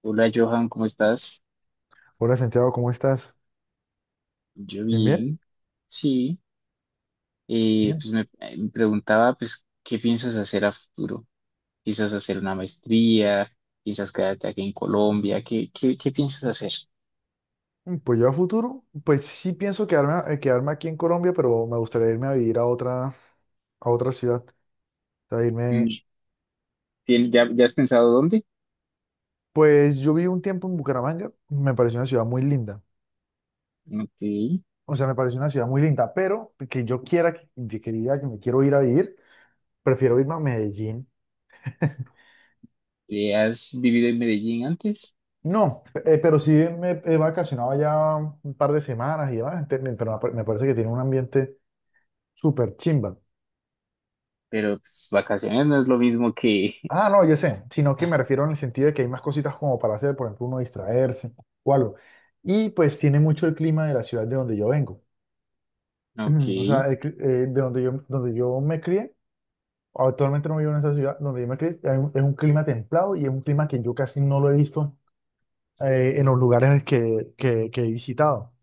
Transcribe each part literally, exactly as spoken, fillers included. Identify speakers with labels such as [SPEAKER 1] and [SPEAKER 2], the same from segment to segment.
[SPEAKER 1] Hola Johan, ¿cómo estás?
[SPEAKER 2] Hola Santiago, ¿cómo estás?
[SPEAKER 1] Yo
[SPEAKER 2] ¿Bien, bien?
[SPEAKER 1] bien, sí. Eh,
[SPEAKER 2] Bien.
[SPEAKER 1] pues me, eh, me preguntaba, pues, ¿qué piensas hacer a futuro? ¿Piensas hacer una maestría? ¿Piensas quedarte aquí en Colombia? ¿Qué, qué, qué piensas hacer?
[SPEAKER 2] Mm, Pues yo a futuro, pues sí pienso quedarme, a- eh, quedarme aquí en Colombia, pero me gustaría irme a vivir a otra, a otra ciudad. O sea, irme,
[SPEAKER 1] Mm, ¿tien- ya, ya has pensado dónde?
[SPEAKER 2] pues yo viví un tiempo en Bucaramanga, me pareció una ciudad muy linda.
[SPEAKER 1] Ok.
[SPEAKER 2] O sea, me pareció una ciudad muy linda, pero que yo quiera, que que- que diga que me quiero ir a vivir, prefiero irme a Medellín.
[SPEAKER 1] Eh, ¿has vivido en Medellín antes?
[SPEAKER 2] No, eh, pero sí me he vacacionado ya un par de semanas y demás, ente- me- pero me pa- me parece que tiene un ambiente súper chimba.
[SPEAKER 1] Pero pues vacaciones no es lo mismo que...
[SPEAKER 2] Ah, no, yo sé, sino que me refiero en el sentido de que hay más cositas como para hacer, por ejemplo, uno distraerse o algo. Y pues tiene mucho el clima de la ciudad de donde yo vengo.
[SPEAKER 1] Ok.
[SPEAKER 2] O sea, el cli- eh, de donde yo, donde yo me crié, actualmente no vivo en esa ciudad, donde yo me crié, hay un- es un clima templado y es un clima que yo casi no lo he visto eh, en los lugares que, que, que he visitado.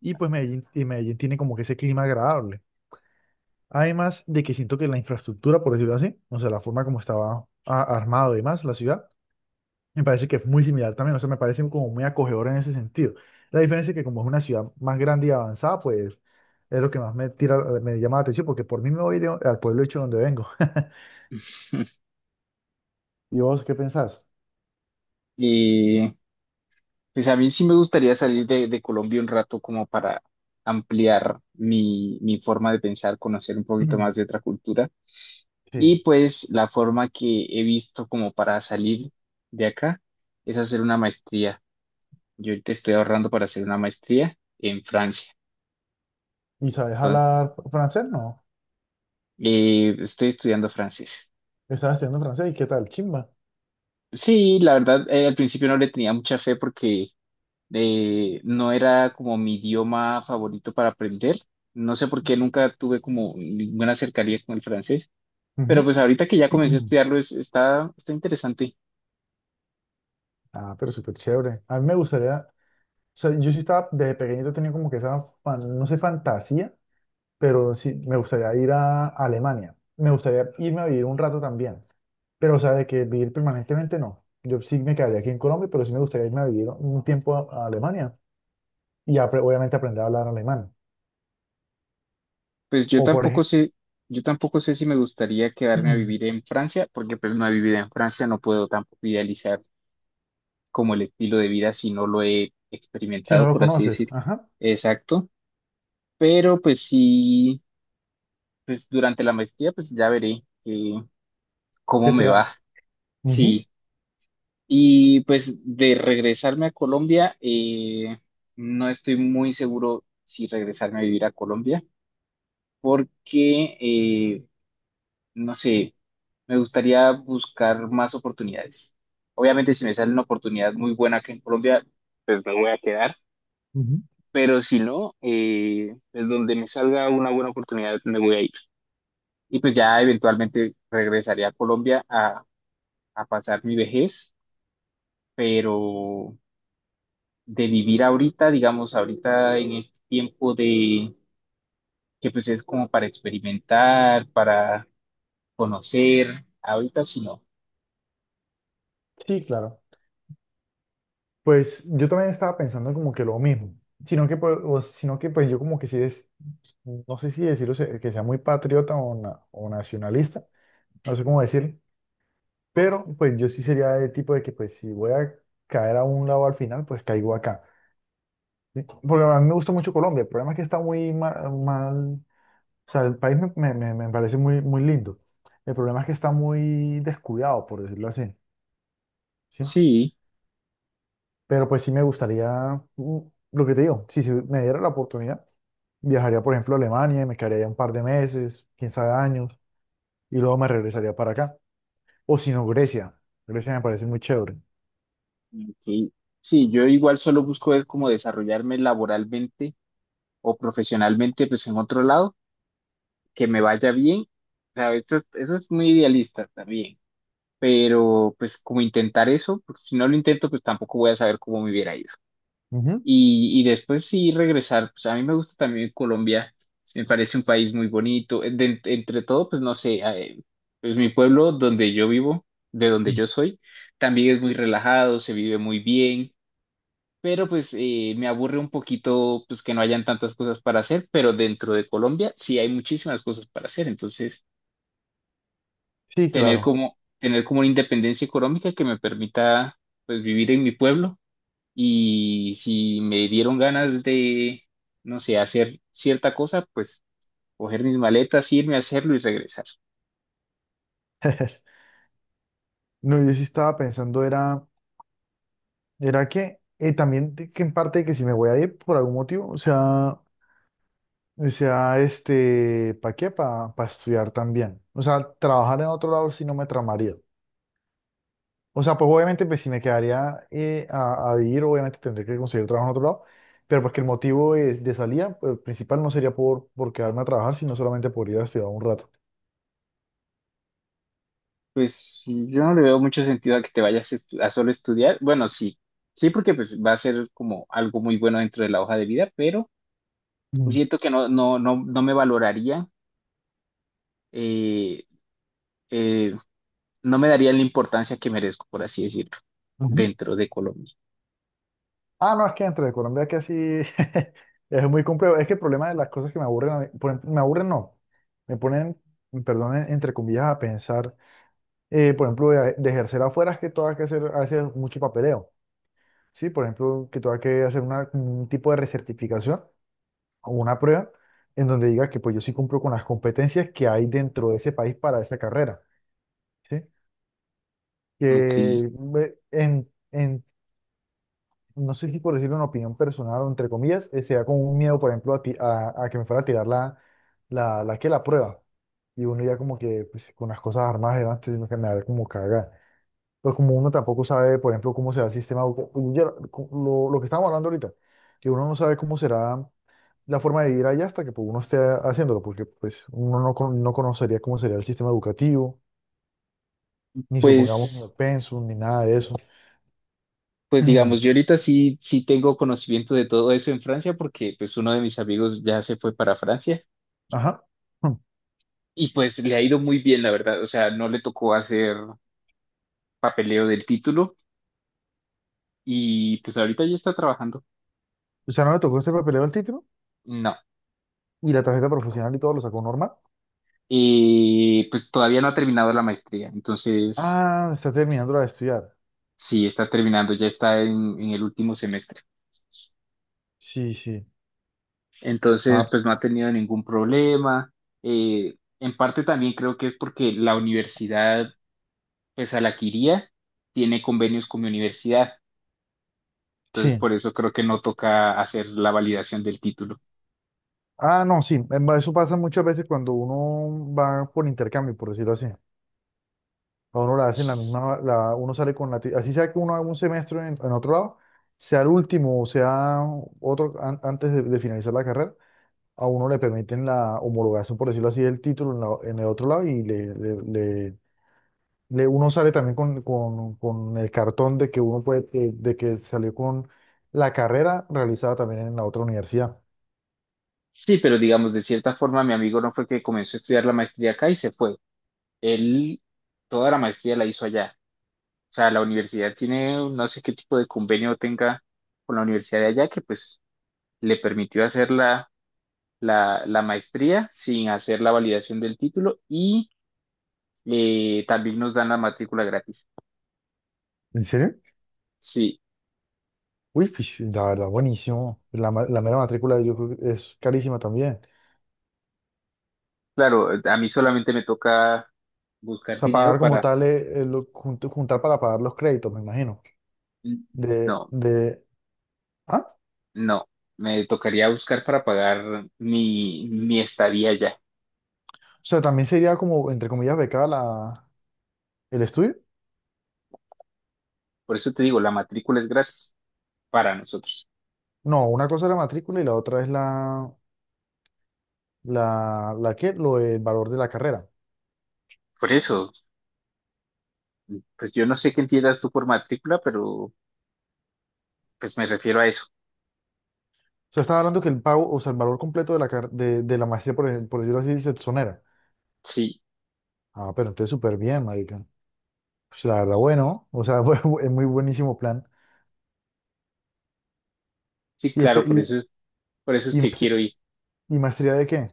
[SPEAKER 2] Y pues Medellín, y Medellín tiene como que ese clima agradable. Además de que siento que la infraestructura, por decirlo así, o sea, la forma como estaba a- armado y demás, la ciudad. Me parece que es muy similar también, o sea, me parece como muy acogedor en ese sentido. La diferencia es que como es una ciudad más grande y avanzada, pues es lo que más me tira, eh, me llama la atención, porque por mí me voy de- al pueblo hecho donde vengo. ¿Y vos qué pensás?
[SPEAKER 1] Eh, Pues a mí sí me gustaría salir de, de Colombia un rato como para ampliar mi, mi forma de pensar, conocer un poquito más
[SPEAKER 2] Mm,
[SPEAKER 1] de otra cultura.
[SPEAKER 2] sí.
[SPEAKER 1] Y pues la forma que he visto como para salir de acá es hacer una maestría. Yo te estoy ahorrando para hacer una maestría en Francia.
[SPEAKER 2] ¿Y sabes
[SPEAKER 1] Entonces,
[SPEAKER 2] hablar francés? No.
[SPEAKER 1] eh, estoy estudiando francés.
[SPEAKER 2] Estás estudiando francés y qué tal, chimba.
[SPEAKER 1] Sí, la verdad, eh, al principio no le tenía mucha fe porque eh, no era como mi idioma favorito para aprender. No sé por qué nunca tuve como ninguna cercanía con el francés, pero
[SPEAKER 2] Ujú.
[SPEAKER 1] pues ahorita que ya comencé a estudiarlo es- está, está interesante.
[SPEAKER 2] Ah, pero súper chévere. A mí me gustaría, o sea, yo sí estaba desde pequeñito tenía como que esa, fan- no sé, fantasía, pero sí, me gustaría ir a Alemania. Me gustaría irme a vivir un rato también. Pero, o sea, de que vivir permanentemente no. Yo sí me quedaría aquí en Colombia, pero sí me gustaría irme a vivir un tiempo a, a Alemania y apre- obviamente aprender a hablar alemán.
[SPEAKER 1] Pues yo
[SPEAKER 2] O por
[SPEAKER 1] tampoco
[SPEAKER 2] ejemplo,
[SPEAKER 1] sé, yo tampoco sé si me gustaría quedarme a vivir en Francia, porque pues no he vivido en Francia, no puedo tampoco idealizar como el estilo de vida si no lo he
[SPEAKER 2] si no
[SPEAKER 1] experimentado,
[SPEAKER 2] lo
[SPEAKER 1] por así
[SPEAKER 2] conoces,
[SPEAKER 1] decir.
[SPEAKER 2] ajá,
[SPEAKER 1] Exacto. Pero pues sí, pues durante la maestría pues ya veré que, cómo
[SPEAKER 2] que
[SPEAKER 1] me va.
[SPEAKER 2] sea. Ujú,
[SPEAKER 1] Sí. Y pues de regresarme a Colombia, eh, no estoy muy seguro si regresarme a vivir a Colombia, porque, eh, no sé, me gustaría buscar más oportunidades. Obviamente si me sale una oportunidad muy buena aquí en Colombia, pues me voy a quedar,
[SPEAKER 2] ujú.
[SPEAKER 1] pero si no, eh, pues donde me salga una buena oportunidad me voy a ir. Y pues ya eventualmente regresaría a Colombia a, a pasar mi vejez, pero de vivir ahorita, digamos, ahorita en este tiempo de que pues es como para experimentar, para conocer, ahorita sí no.
[SPEAKER 2] Sí, claro. Pues yo también estaba pensando como que lo mismo, sino que, pues, o- sino que pues yo como que sí es, no sé si decirlo se- que sea muy patriota o, na- o nacionalista, no sé cómo decirlo. Pero pues yo sí sería de tipo de que pues si voy a caer a un lado al final, pues caigo acá. ¿Sí? Porque a mí me gusta mucho Colombia, el problema es que está muy mal, mal- o sea, el país me, me- me- me parece muy, muy lindo. El problema es que está muy descuidado, por decirlo así, ¿sí?
[SPEAKER 1] Sí,
[SPEAKER 2] Pero pues sí me gustaría, mm, lo que te digo, si se me diera la oportunidad, viajaría por ejemplo a Alemania y me quedaría allá un par de meses, quién sabe años, y luego me regresaría para acá. O si no, Grecia. Grecia me parece muy chévere.
[SPEAKER 1] ok. Sí, yo igual solo busco es como desarrollarme laboralmente o profesionalmente pues en otro lado, que me vaya bien. O sea, esto- eso es muy idealista también, pero pues como intentar eso, porque si no lo intento pues tampoco voy a saber cómo me hubiera ido.
[SPEAKER 2] Ujú.
[SPEAKER 1] Y, y después sí regresar, pues a mí me gusta también Colombia, me parece un país muy bonito. En- De entre todo, pues no sé, eh, pues mi pueblo donde yo vivo, de donde yo soy, también es muy relajado, se vive muy bien, pero pues eh, me aburre un poquito pues que no hayan tantas cosas para hacer, pero dentro de Colombia sí hay muchísimas cosas para hacer, entonces
[SPEAKER 2] Sí,
[SPEAKER 1] tener
[SPEAKER 2] claro.
[SPEAKER 1] como, tener como una independencia económica que me permita pues vivir en mi pueblo y si me dieron ganas de, no sé, hacer cierta cosa, pues coger mis maletas, irme a hacerlo y regresar.
[SPEAKER 2] No, yo sí estaba pensando, era, era que eh, también de- que en parte de que si me voy a ir por algún motivo, o sea, o sea, este, ¿para qué? Para estudiar también. O sea, trabajar en otro lado sí no me tramaría. O sea, pues obviamente pues, si me quedaría eh, a, a vivir, obviamente tendré que conseguir trabajo en otro lado, pero porque el motivo es de salida, pues, principal no sería por, por, quedarme a trabajar, sino solamente por ir a estudiar un rato.
[SPEAKER 1] Pues yo no le veo mucho sentido a que te vayas estu- a solo estudiar. Bueno, sí, sí, porque pues va a ser como algo muy bueno dentro de la hoja de vida, pero
[SPEAKER 2] Mm,
[SPEAKER 1] siento que no, no, no, no me valoraría, eh, eh, no me daría la importancia que merezco, por así decirlo,
[SPEAKER 2] ujú.
[SPEAKER 1] dentro de Colombia.
[SPEAKER 2] Ah, no, es que entre Colombia es que así es muy complejo. Es que el problema de las cosas que me aburren, a mí- por ejemplo, me aburren no, me ponen, perdón, en- entre comillas, a pensar, eh, por ejemplo, de, de ejercer afuera es que todo hay que hacer, a veces mucho papeleo, ¿sí? Por ejemplo, que todo hay que hacer una- un tipo de recertificación o una prueba en donde diga que pues yo sí cumplo con las competencias que hay dentro de ese país para esa carrera, ¿sí? Que
[SPEAKER 1] Ok,
[SPEAKER 2] me- en, no sé si por decir una opinión personal o entre comillas, eh, sea como un miedo, por ejemplo, a, ti- a, a que me fuera a tirar la, la, la, que la prueba. Y uno ya como que pues, con las cosas armadas delante sino me da como caga. Entonces como uno tampoco sabe, por ejemplo, cómo será el sistema, educa- yo- co- lo, lo que estábamos hablando ahorita, que uno no sabe cómo será la forma de vivir allá hasta que pues, uno esté haciéndolo, porque pues uno no, con- no conocería cómo sería el sistema educativo, ni supongamos ni el
[SPEAKER 1] pues.
[SPEAKER 2] pensum, ni nada de eso.
[SPEAKER 1] Pues digamos, yo ahorita sí, sí tengo conocimiento de todo eso en Francia porque pues uno de mis amigos ya se fue para Francia
[SPEAKER 2] Ajá.
[SPEAKER 1] y pues le ha ido muy bien, la verdad. O sea, no le tocó hacer papeleo del título y pues ahorita ya está trabajando.
[SPEAKER 2] O sea, ¿no le tocó este papeleo al título?
[SPEAKER 1] No,
[SPEAKER 2] Y la tarjeta profesional y todo lo sacó normal.
[SPEAKER 1] eh, pues todavía no ha terminado la maestría, entonces
[SPEAKER 2] Ah, está terminando de estudiar.
[SPEAKER 1] sí, está terminando, ya está en, en el último semestre.
[SPEAKER 2] Sí, sí.
[SPEAKER 1] Entonces,
[SPEAKER 2] Ah,
[SPEAKER 1] pues no ha tenido ningún problema. Eh, en parte también creo que es porque la universidad pues Alaquiría tiene convenios con mi universidad, entonces
[SPEAKER 2] sí.
[SPEAKER 1] por eso creo que no toca hacer la validación del título.
[SPEAKER 2] Ah, no, sí. em, Eso pasa muchas veces cuando uno va por intercambio, por decirlo así. A uno la hacen la
[SPEAKER 1] Sí,
[SPEAKER 2] misma, la, uno sale con la... ti- Así sea que uno haga un semestre en, en otro lado, sea el último o sea otro an- antes de, de finalizar la carrera, a uno le permiten la homologación, por decirlo así, del título en, la- en el otro lado y le, le, le- uno sale también con, con- con el cartón de que uno puede, de, de que salió con la carrera realizada también en la otra universidad.
[SPEAKER 1] sí, pero digamos, de cierta forma, mi amigo no fue que comenzó a estudiar la maestría acá y se fue. Él toda la maestría la hizo allá. O sea, la universidad tiene, no sé qué tipo de convenio tenga con la universidad de allá que pues le permitió hacer la, la, la maestría sin hacer la validación del título y eh, también nos dan la matrícula gratis.
[SPEAKER 2] ¿En serio?
[SPEAKER 1] Sí,
[SPEAKER 2] Uy, pues, la verdad, buenísimo. La, ma- la mera matrícula yo creo que es carísima también.
[SPEAKER 1] claro, eh, a mí solamente me toca
[SPEAKER 2] O
[SPEAKER 1] buscar
[SPEAKER 2] sea,
[SPEAKER 1] dinero
[SPEAKER 2] pagar como
[SPEAKER 1] para...
[SPEAKER 2] tal, eh, eh, lo- jun- juntar para pagar los créditos, me imagino. De,
[SPEAKER 1] No,
[SPEAKER 2] de, ah,
[SPEAKER 1] no, me tocaría buscar para pagar mi, mi estadía allá.
[SPEAKER 2] o sea, también sería como, entre comillas, becada la, el estudio.
[SPEAKER 1] Por eso te digo, la matrícula es gratis para nosotros.
[SPEAKER 2] No, una cosa es la matrícula y la otra es la, la, la que, lo, el valor de la carrera.
[SPEAKER 1] Por eso, pues yo no sé qué entiendas tú por matrícula, pero pues me refiero a eso.
[SPEAKER 2] O sea, estaba hablando que el pago, o sea, el valor completo de la, car- de, de la maestría, por, ej- por decirlo así, se exonera.
[SPEAKER 1] Sí,
[SPEAKER 2] Ah, pero entonces súper bien, marica. Pues la verdad, bueno, o sea, bu- es muy buenísimo plan.
[SPEAKER 1] sí,
[SPEAKER 2] ¿Y, espe-
[SPEAKER 1] claro, por eso, por eso
[SPEAKER 2] y,
[SPEAKER 1] es
[SPEAKER 2] y,
[SPEAKER 1] que
[SPEAKER 2] maestr-
[SPEAKER 1] quiero ir.
[SPEAKER 2] y maestría de qué?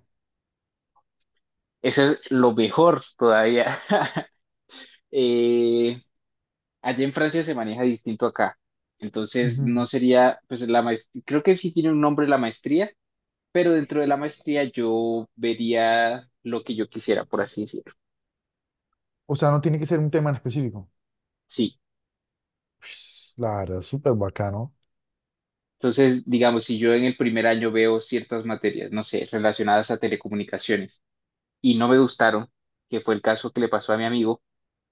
[SPEAKER 1] Eso es lo mejor todavía. Eh, allá en Francia se maneja distinto acá. Entonces, no
[SPEAKER 2] Ujú.
[SPEAKER 1] sería, pues la maestría, creo que sí tiene un nombre la maestría, pero dentro de la maestría yo vería lo que yo quisiera, por así decirlo.
[SPEAKER 2] O sea, no tiene que ser un tema en específico.
[SPEAKER 1] Sí.
[SPEAKER 2] Pues, la verdad, súper bacano.
[SPEAKER 1] Entonces, digamos, si yo en el primer año veo ciertas materias, no sé, relacionadas a telecomunicaciones y no me gustaron, que fue el caso que le pasó a mi amigo,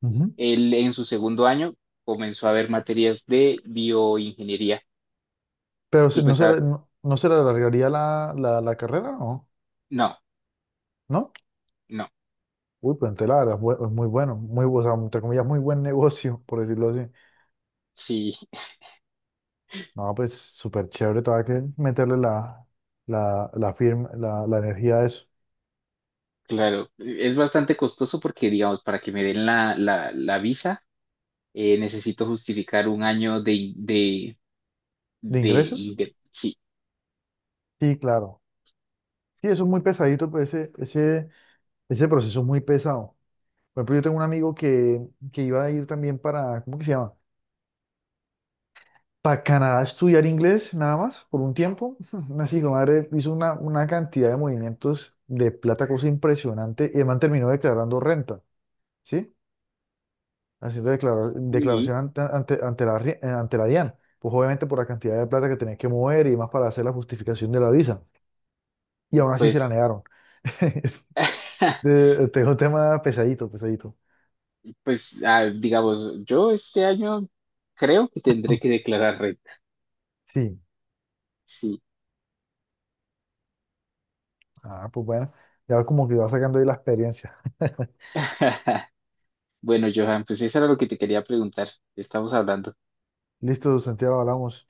[SPEAKER 2] Ujú.
[SPEAKER 1] él en su segundo año comenzó a ver materias de bioingeniería
[SPEAKER 2] Pero
[SPEAKER 1] y
[SPEAKER 2] se- no
[SPEAKER 1] pues
[SPEAKER 2] se,
[SPEAKER 1] a
[SPEAKER 2] le- no, no se le alargaría la, la, la carrera, ¿no?
[SPEAKER 1] no,
[SPEAKER 2] ¿No?
[SPEAKER 1] no,
[SPEAKER 2] Uy, pues entonces la verdad, es bu- es muy bueno, muy, bu- o sea, entre comillas, muy buen negocio, por decirlo así.
[SPEAKER 1] sí.
[SPEAKER 2] No, pues súper chévere, todavía hay que meterle la, la, la, firma, la, la energía a eso.
[SPEAKER 1] Claro, es bastante costoso porque, digamos, para que me den la, la, la visa, eh, necesito justificar un año de, in- de,
[SPEAKER 2] ¿De
[SPEAKER 1] de,
[SPEAKER 2] ingresos?
[SPEAKER 1] inde- sí.
[SPEAKER 2] Sí, claro. Sí, eso es muy pesadito, pues ese, ese, ese proceso es muy pesado. Por ejemplo, yo tengo un amigo que, que iba a ir también para, ¿cómo que se llama? Para Canadá a estudiar inglés, nada más, por un tiempo. Así que madre hizo una, una cantidad de movimientos de plata, cosa impresionante, y además terminó declarando renta, ¿sí? Haciendo declara-
[SPEAKER 1] Y
[SPEAKER 2] declaración ante, ante, ante la, ri- eh, ante la DIAN, pues obviamente por la cantidad de plata que tenías que mover y más para hacer la justificación de la visa. Y aún así se la
[SPEAKER 1] pues,
[SPEAKER 2] negaron. Te- Tengo un tema pesadito, pesadito.
[SPEAKER 1] pues, ah, digamos, yo este año creo que tendré que declarar renta.
[SPEAKER 2] Sí,
[SPEAKER 1] Sí.
[SPEAKER 2] ah, pues bueno, ya como que va sacando ahí la experiencia.
[SPEAKER 1] Bueno, Johan, pues eso era lo que te quería preguntar. Estamos hablando.
[SPEAKER 2] Listo, Santiago, hablamos.